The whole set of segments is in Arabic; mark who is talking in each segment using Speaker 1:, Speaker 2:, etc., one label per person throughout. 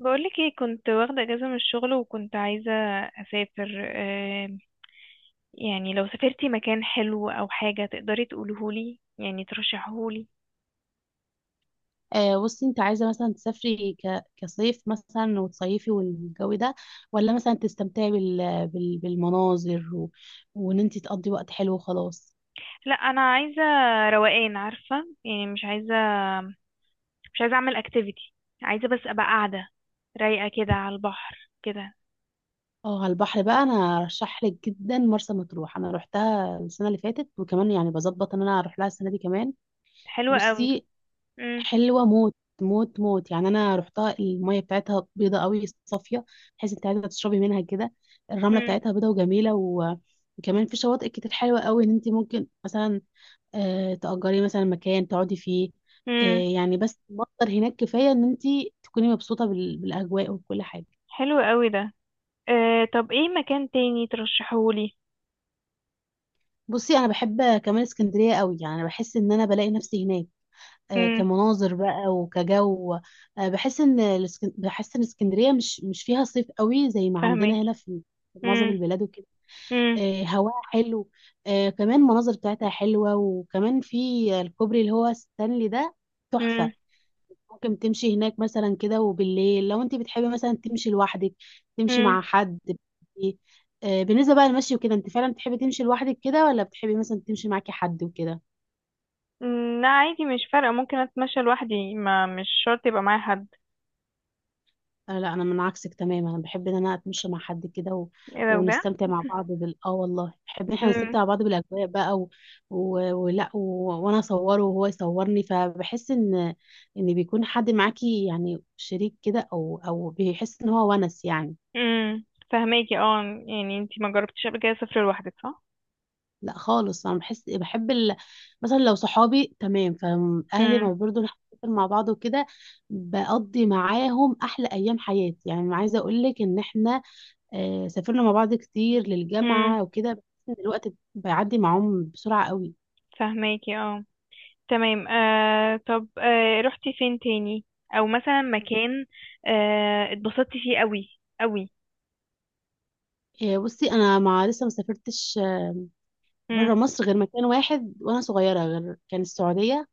Speaker 1: بقولك ايه؟ كنت واخدة اجازة من الشغل وكنت عايزة اسافر. يعني لو سافرتي مكان حلو او حاجة تقدري تقولهولي، يعني ترشحهولي.
Speaker 2: بصي انت عايزه مثلا تسافري كصيف مثلا وتصيفي والجو ده، ولا مثلا تستمتعي بالمناظر وان انت تقضي وقت حلو وخلاص.
Speaker 1: لا، انا عايزة روقان، عارفة؟ يعني مش عايزة اعمل اكتيفيتي، عايزة بس ابقى قاعدة رايقة كده على البحر كده.
Speaker 2: اه، على البحر بقى انا ارشح لك جدا مرسى مطروح. انا روحتها السنه اللي فاتت وكمان يعني بظبط ان انا اروح لها السنه دي كمان.
Speaker 1: حلو قوي.
Speaker 2: بصي،
Speaker 1: امم.
Speaker 2: حلوه موت، موت يعني. انا روحتها، الميه بتاعتها بيضه قوي، صافيه، تحسي انت عايزه تشربي منها كده. الرمله
Speaker 1: امم.
Speaker 2: بتاعتها بيضه وجميله، وكمان في شواطئ كتير حلوه قوي ان انت ممكن مثلا تأجري مثلا مكان تقعدي فيه. آه،
Speaker 1: امم.
Speaker 2: يعني بس مصدر هناك كفاية ان انت تكوني مبسوطة بالأجواء وكل حاجة.
Speaker 1: حلو قوي ده. أه، طب ايه مكان تاني ترشحهولي؟
Speaker 2: بصي، انا بحب كمان اسكندرية قوي. يعني انا بحس ان انا بلاقي نفسي هناك،
Speaker 1: امم.
Speaker 2: كمناظر بقى وكجو. بحس ان بحس ان اسكندرية مش فيها صيف قوي زي ما عندنا
Speaker 1: فاهمك.
Speaker 2: هنا في في معظم
Speaker 1: امم.
Speaker 2: البلاد وكده. هواها حلو. كمان المناظر بتاعتها حلوة، وكمان في الكوبري اللي هو ستانلي ده، تحفة. ممكن تمشي هناك مثلا كده، وبالليل لو انت بتحبي مثلا تمشي لوحدك، تمشي
Speaker 1: امم.
Speaker 2: مع حد. بالنسبة بقى للمشي وكده، انت فعلا بتحبي تمشي لوحدك كده، ولا بتحبي مثلا تمشي معاكي حد وكده؟
Speaker 1: لا، عادي، مش فارقة، ممكن اتمشى لوحدي، ما مش شرط يبقى معايا حد.
Speaker 2: لا، انا من عكسك تماما، انا بحب ان انا اتمشى مع حد كده
Speaker 1: ايه ده بجد؟
Speaker 2: ونستمتع مع بعض بال والله بحب ان احنا
Speaker 1: امم.
Speaker 2: نستمتع مع بعض بالاجواء بقى و... ولا وانا اصوره وهو يصورني. فبحس ان ان بيكون حد معاكي، يعني شريك كده، او بيحس ان هو ونس يعني.
Speaker 1: امم. فهماكي اه. يعني انتي ما جربتيش قبل كده سفر لوحدك، صح؟
Speaker 2: لا خالص، انا بحس بحب مثلا لو صحابي تمام، فاهلي
Speaker 1: امم.
Speaker 2: ما برضو نحتفل مع بعض وكده. بقضي معاهم احلى ايام حياتي. يعني عايزه اقول لك ان احنا سافرنا مع بعض كتير
Speaker 1: امم.
Speaker 2: للجامعه وكده، بحس ان الوقت بيعدي معاهم بسرعه قوي.
Speaker 1: فهماكي اه. تمام. طب، رحتي فين تاني؟ او مثلا مكان اتبسطتي فيه قوي قوي؟
Speaker 2: بصي، انا مع لسه ما سافرتش
Speaker 1: امم.
Speaker 2: بره مصر غير مكان واحد وانا صغيره، غير كان السعوديه.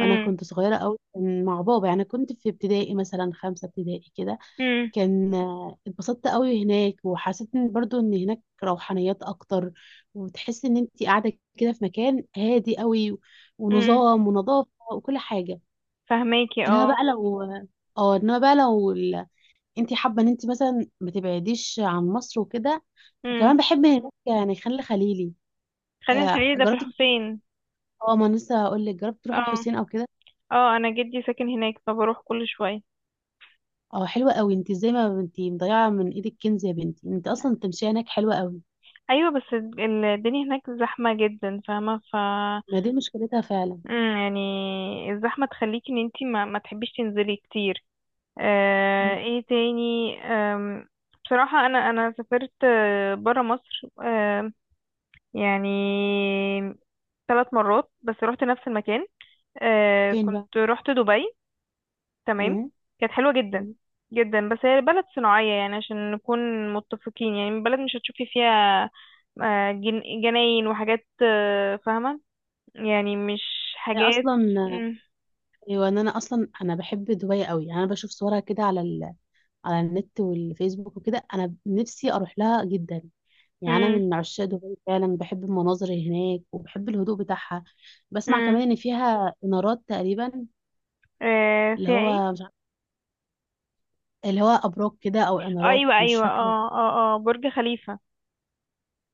Speaker 2: وانا كنت صغيره قوي، كان مع بابا. يعني كنت في ابتدائي مثلا، خمسه ابتدائي كده.
Speaker 1: امم.
Speaker 2: كان اتبسطت قوي هناك، وحسيت ان برضو ان هناك روحانيات اكتر، وتحس ان انت قاعده كده في مكان هادي قوي،
Speaker 1: امم.
Speaker 2: ونظام ونظافه وكل حاجه.
Speaker 1: فهماكي
Speaker 2: انما
Speaker 1: اه.
Speaker 2: بقى لو، اه انما بقى لو انت حابه ان انت مثلا ما تبعديش عن مصر وكده،
Speaker 1: امم.
Speaker 2: كمان بحب هناك. يعني خليلي
Speaker 1: خلينا الخليل ده في
Speaker 2: جربت.
Speaker 1: الحسين.
Speaker 2: اه، ما أنا لسه هقول لك، جربت تروحي
Speaker 1: اه
Speaker 2: الحسين او كده؟
Speaker 1: اه، انا جدي ساكن هناك فبروح كل شوية.
Speaker 2: اه، حلوه قوي. انت ازاي ما انت مضيعه من ايدك كنز يا بنتي؟ انت اصلا التمشيه هناك حلوه قوي.
Speaker 1: ايوه، بس الدنيا هناك زحمه جدا، فاهمه؟ ف
Speaker 2: ما دي مشكلتها فعلا.
Speaker 1: يعني الزحمه تخليكي ان انتي ما تحبيش تنزلي كتير.
Speaker 2: مم.
Speaker 1: ايه تاني؟ بصراحه، انا سافرت بره مصر. يعني 3 مرات بس، رحت نفس المكان.
Speaker 2: فين بقى؟
Speaker 1: كنت رحت دبي. تمام.
Speaker 2: مم.
Speaker 1: كانت حلوة جدا.
Speaker 2: مم.
Speaker 1: جدا، بس هي بلد صناعية، يعني عشان نكون متفقين، يعني بلد مش هتشوفي فيها جناين وحاجات، فاهمة؟ يعني مش
Speaker 2: انا
Speaker 1: حاجات.
Speaker 2: اصلا،
Speaker 1: مم.
Speaker 2: ايوه، إن انا اصلا انا بحب دبي قوي. يعني انا بشوف صورها كده على على النت والفيسبوك وكده، انا نفسي اروح لها جدا. يعني انا
Speaker 1: مم.
Speaker 2: من عشاق دبي فعلا، بحب المناظر هناك وبحب الهدوء بتاعها. بسمع
Speaker 1: مم.
Speaker 2: كمان ان فيها انارات تقريبا، اللي
Speaker 1: فيها
Speaker 2: هو
Speaker 1: ايه؟
Speaker 2: مش عارف- اللي هو ابراج كده، او انارات
Speaker 1: ايوه
Speaker 2: مش
Speaker 1: ايوه،
Speaker 2: فاكره.
Speaker 1: اه اه اه، برج خليفة.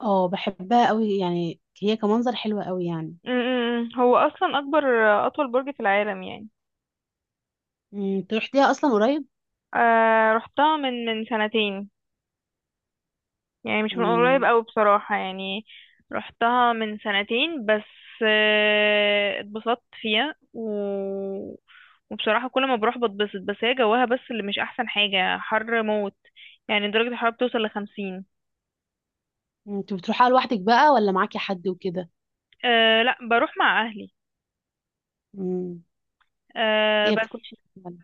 Speaker 2: اه، بحبها قوي يعني، هي كمنظر حلوه قوي يعني.
Speaker 1: مم. مم. مم. هو اصلا اكبر اطول برج في العالم يعني.
Speaker 2: مم، تروح ليها اصلا قريب؟
Speaker 1: رحتها من سنتين، يعني مش من قريب
Speaker 2: مم.
Speaker 1: أوي بصراحة، يعني رحتها من سنتين بس. اتبسطت فيها وبصراحة كل ما بروح بتبسط، بس هي جواها بس اللي مش أحسن حاجة، حر موت. يعني درجة الحرارة بتوصل لـ50.
Speaker 2: مم، انت بتروحها لوحدك بقى ولا معاكي حد وكده؟
Speaker 1: أه لا، بروح مع أهلي.
Speaker 2: امم،
Speaker 1: أه
Speaker 2: هي
Speaker 1: بس
Speaker 2: بتكونش فعلا.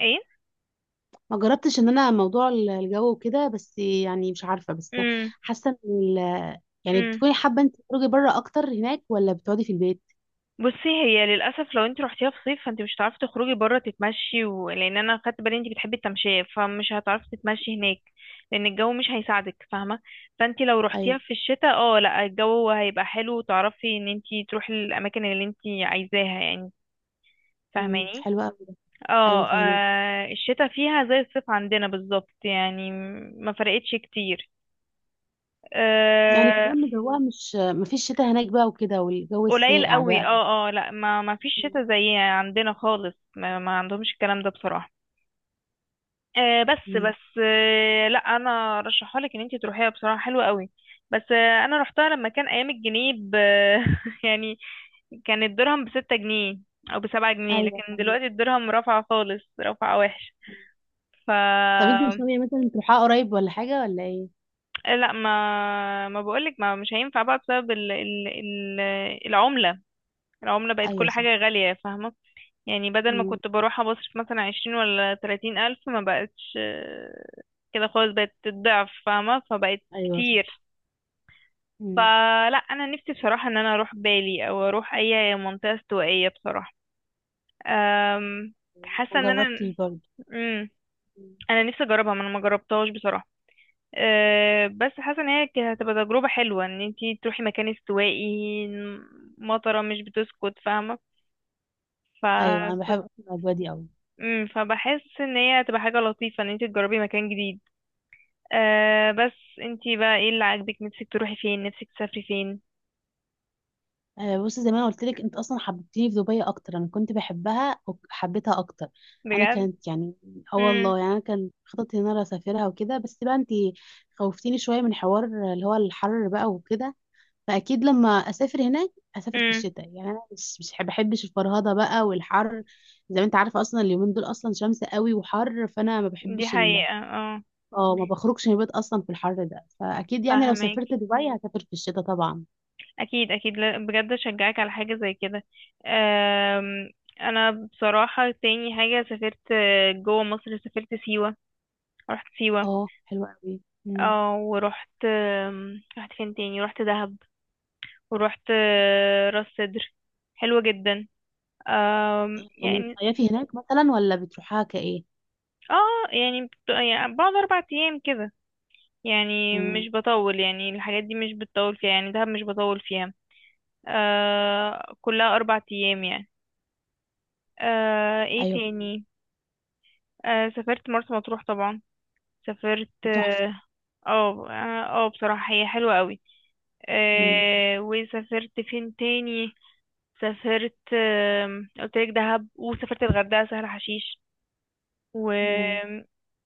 Speaker 1: ايه؟
Speaker 2: ما جربتش ان انا موضوع الجو وكده، بس يعني مش عارفه. بس
Speaker 1: مم.
Speaker 2: حاسه ان ال- يعني
Speaker 1: مم.
Speaker 2: بتكوني حابه انت تخرجي بره اكتر هناك، ولا بتقعدي في البيت؟
Speaker 1: بصي، هي للاسف لو انت رحتيها في صيف، فانت مش هتعرفي تخرجي بره تتمشي لان انا خدت بالي انت بتحبي التمشيه، فمش هتعرفي تتمشي هناك، لان الجو مش هيساعدك، فاهمه؟ فانت لو رحتيها
Speaker 2: ايوه.
Speaker 1: في الشتاء، اه لا، الجو هيبقى حلو وتعرفي ان انت تروحي الاماكن اللي انت عايزاها يعني.
Speaker 2: امم،
Speaker 1: فاهماني؟
Speaker 2: حلوه قوي. ايوه
Speaker 1: اه.
Speaker 2: فاهمك.
Speaker 1: الشتاء فيها زي الصيف عندنا بالظبط، يعني ما فرقتش كتير.
Speaker 2: يعني
Speaker 1: آه،
Speaker 2: كمان جوها، مش ما فيش شتاء هناك بقى وكده، والجو
Speaker 1: قليل
Speaker 2: الساقع
Speaker 1: قوي،
Speaker 2: بقى.
Speaker 1: اه اه لا، ما فيش
Speaker 2: امم.
Speaker 1: شتاء زي عندنا خالص، ما عندهمش الكلام ده بصراحه. آه بس
Speaker 2: أمم.
Speaker 1: بس آه لا، انا رشحها لك ان انت تروحيها بصراحه، حلوه قوي. بس انا رحتها لما كان ايام الجنيه ب يعني كان الدرهم بـ6 جنيه او بـ7 جنيه،
Speaker 2: ايوه
Speaker 1: لكن
Speaker 2: فاهمك.
Speaker 1: دلوقتي الدرهم رفع خالص، رفع وحش. ف
Speaker 2: طب انت مش ناويه مثلا تروحيها قريب، ولا حاجه ولا ايه؟
Speaker 1: لا، ما بقولك، ما مش هينفع بقى بسبب العمله. العمله بقت
Speaker 2: ايوه
Speaker 1: كل
Speaker 2: صح.
Speaker 1: حاجه غاليه، فاهمه؟ يعني بدل ما
Speaker 2: امم.
Speaker 1: كنت بروح أبصرف مثلا 20 ولا 30 ألف، ما بقتش كده خالص، بقت الضعف، فاهمة؟ فبقت
Speaker 2: ايوه صح.
Speaker 1: كتير.
Speaker 2: امم.
Speaker 1: فلا، أنا نفسي بصراحة إن أنا أروح بالي، أو أروح أي منطقة استوائية بصراحة. أم،
Speaker 2: ما
Speaker 1: حاسة إن أنا
Speaker 2: جربتش برضه.
Speaker 1: مم،
Speaker 2: أمم.
Speaker 1: أنا نفسي أجربها، ما أنا ما جربتهاش بصراحة. بس حاسة إن هي هتبقى تجربة حلوة إن انتي تروحي مكان استوائي، مطرة مش بتسكت، فاهمة؟
Speaker 2: ايوه انا بحب
Speaker 1: فكنت
Speaker 2: أصلاً الاجواء دي قوي.
Speaker 1: فبحس ان هي هتبقى حاجة لطيفة ان انت تجربي مكان جديد. بس انتي بقى ايه اللي عاجبك؟ نفسك تروحي فين؟ نفسك تسافري فين؟
Speaker 2: بصي، زي ما انا قلت لك، انت اصلا حببتيني في دبي اكتر. انا كنت بحبها وحبيتها اكتر. انا
Speaker 1: بجد.
Speaker 2: كانت يعني، اه
Speaker 1: امم.
Speaker 2: والله يعني انا كان خططي ان انا اسافرها وكده، بس بقى انت خوفتيني شويه من حوار اللي هو الحر بقى وكده. فاكيد لما اسافر هناك، اسافر في
Speaker 1: امم.
Speaker 2: الشتاء. يعني انا مش بحبش الفرهده بقى والحر، زي ما انت عارفه. اصلا اليومين دول اصلا شمس قوي وحر، فانا ما
Speaker 1: دي
Speaker 2: بحبش
Speaker 1: حقيقة اه.
Speaker 2: اه، ما بخرجش من البيت اصلا في الحر ده. فاكيد يعني لو
Speaker 1: فاهمك.
Speaker 2: سافرت دبي، هسافر في الشتاء طبعا.
Speaker 1: اكيد اكيد، بجد اشجعك على حاجة زي كده. آم، انا بصراحة تاني حاجة سافرت جوه مصر، سافرت سيوة. رحت سيوة.
Speaker 2: اه حلوه قوي.
Speaker 1: اه. ورحت رحت فين تاني؟ رحت دهب. ورحت راس سدر. حلوة جدا.
Speaker 2: يعني
Speaker 1: يعني
Speaker 2: بتصيفي هناك مثلا، ولا بتروحها كايه؟
Speaker 1: اه، يعني يعني بعد 4 ايام كده، يعني
Speaker 2: مم.
Speaker 1: مش بطول، يعني الحاجات دي مش بتطول فيها، يعني دهب مش بطول فيها. كلها 4 أيام يعني. ايه
Speaker 2: ايوه.
Speaker 1: تاني؟ سافرت مرسى مطروح طبعا. سافرت
Speaker 2: تحفه.
Speaker 1: اه اه. بصراحة هي حلوة قوي.
Speaker 2: مم.
Speaker 1: وسافرت فين تاني؟ سافرت قلت لك دهب، وسافرت الغردقة، سهل حشيش، و
Speaker 2: مم.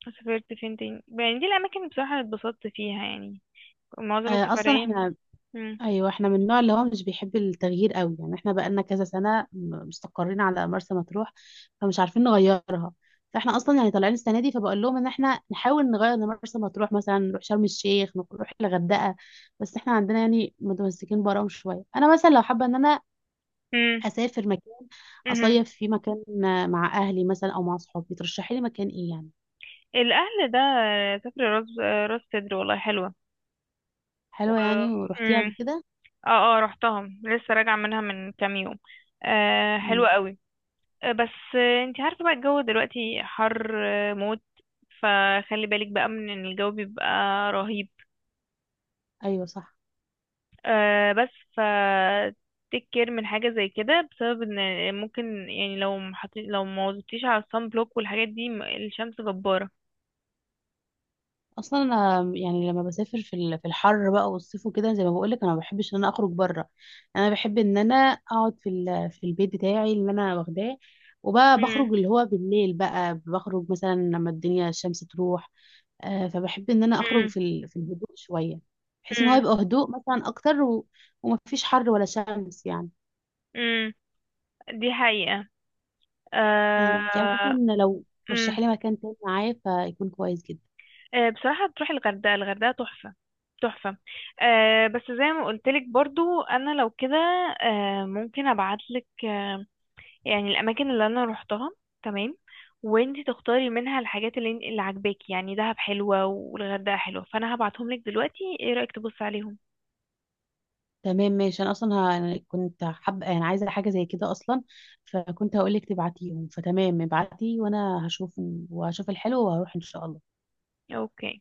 Speaker 1: سافرت فين تاني؟ يعني دي الأماكن بصراحة اللي اتبسطت فيها، يعني معظم
Speaker 2: اصلا
Speaker 1: السفرية.
Speaker 2: احنا،
Speaker 1: مم.
Speaker 2: ايوه، احنا من النوع اللي هو مش بيحب التغيير قوي. يعني احنا بقالنا كذا سنه مستقرين على مرسى مطروح، فمش عارفين نغيرها. فاحنا اصلا يعني طالعين السنه دي، فبقول لهم ان احنا نحاول نغير مرسى مطروح، مثلا نروح شرم الشيخ، نروح الغردقه. بس احنا عندنا يعني متمسكين براهم شويه. انا مثلا لو حابه ان انا اسافر مكان،
Speaker 1: مم.
Speaker 2: اصيف في مكان مع اهلي مثلا او مع صحابي، ترشحي لي مكان ايه يعني؟
Speaker 1: الاهل ده سافر راس، راس سدر، والله حلوه. و
Speaker 2: حلوة يعني، ورحتيها قبل
Speaker 1: مم.
Speaker 2: كده؟
Speaker 1: اه اه، رحتها لسه راجعه منها من كام يوم. حلوه
Speaker 2: مم.
Speaker 1: قوي. آه بس آه، انتي عارفه بقى الجو دلوقتي حر موت. فخلي بالك بقى من ان الجو بيبقى رهيب.
Speaker 2: ايوه صح.
Speaker 1: آه بس ف تيك كير من حاجه زي كده، بسبب ان ممكن يعني لو محطي، لو ما وظبطيش على الصن بلوك والحاجات دي، الشمس جباره.
Speaker 2: اصلا انا يعني لما بسافر في في الحر بقى والصيف وكده، زي ما بقول لك، انا ما بحبش ان انا اخرج بره. انا بحب ان انا اقعد في في البيت بتاعي اللي انا واخداه، وبقى
Speaker 1: مم.
Speaker 2: بخرج اللي هو بالليل. بقى بخرج مثلا لما الدنيا الشمس تروح. فبحب ان انا اخرج
Speaker 1: مم.
Speaker 2: في في الهدوء شوية، بحيث ان هو
Speaker 1: مم.
Speaker 2: يبقى هدوء مثلا اكتر، ومفيش حر ولا شمس يعني.
Speaker 1: مم. دي حقيقة.
Speaker 2: مم. يعني
Speaker 1: آه...
Speaker 2: مثلا لو
Speaker 1: مم.
Speaker 2: رشحي لي مكان تاني معايا، فيكون كويس جدا.
Speaker 1: بصراحة تروحي الغردقة. الغردقة تحفة. تحفة. بس زي ما قلتلك برضو، أنا لو كده ممكن أبعتلك، آه، يعني الأماكن اللي أنا روحتها. تمام. وانتي تختاري منها الحاجات اللي عاجباكي، يعني دهب حلوة والغردقة حلوة، فأنا هبعتهم لك دلوقتي. ايه رأيك تبص عليهم؟
Speaker 2: تمام ماشي. انا اصلا أنا كنت حابه، يعني عايزه حاجه زي كده اصلا، فكنت هقول لك تبعتيهم. فتمام، ابعتي وانا هشوف، وهشوف الحلو وهروح ان شاء الله.
Speaker 1: اوكي.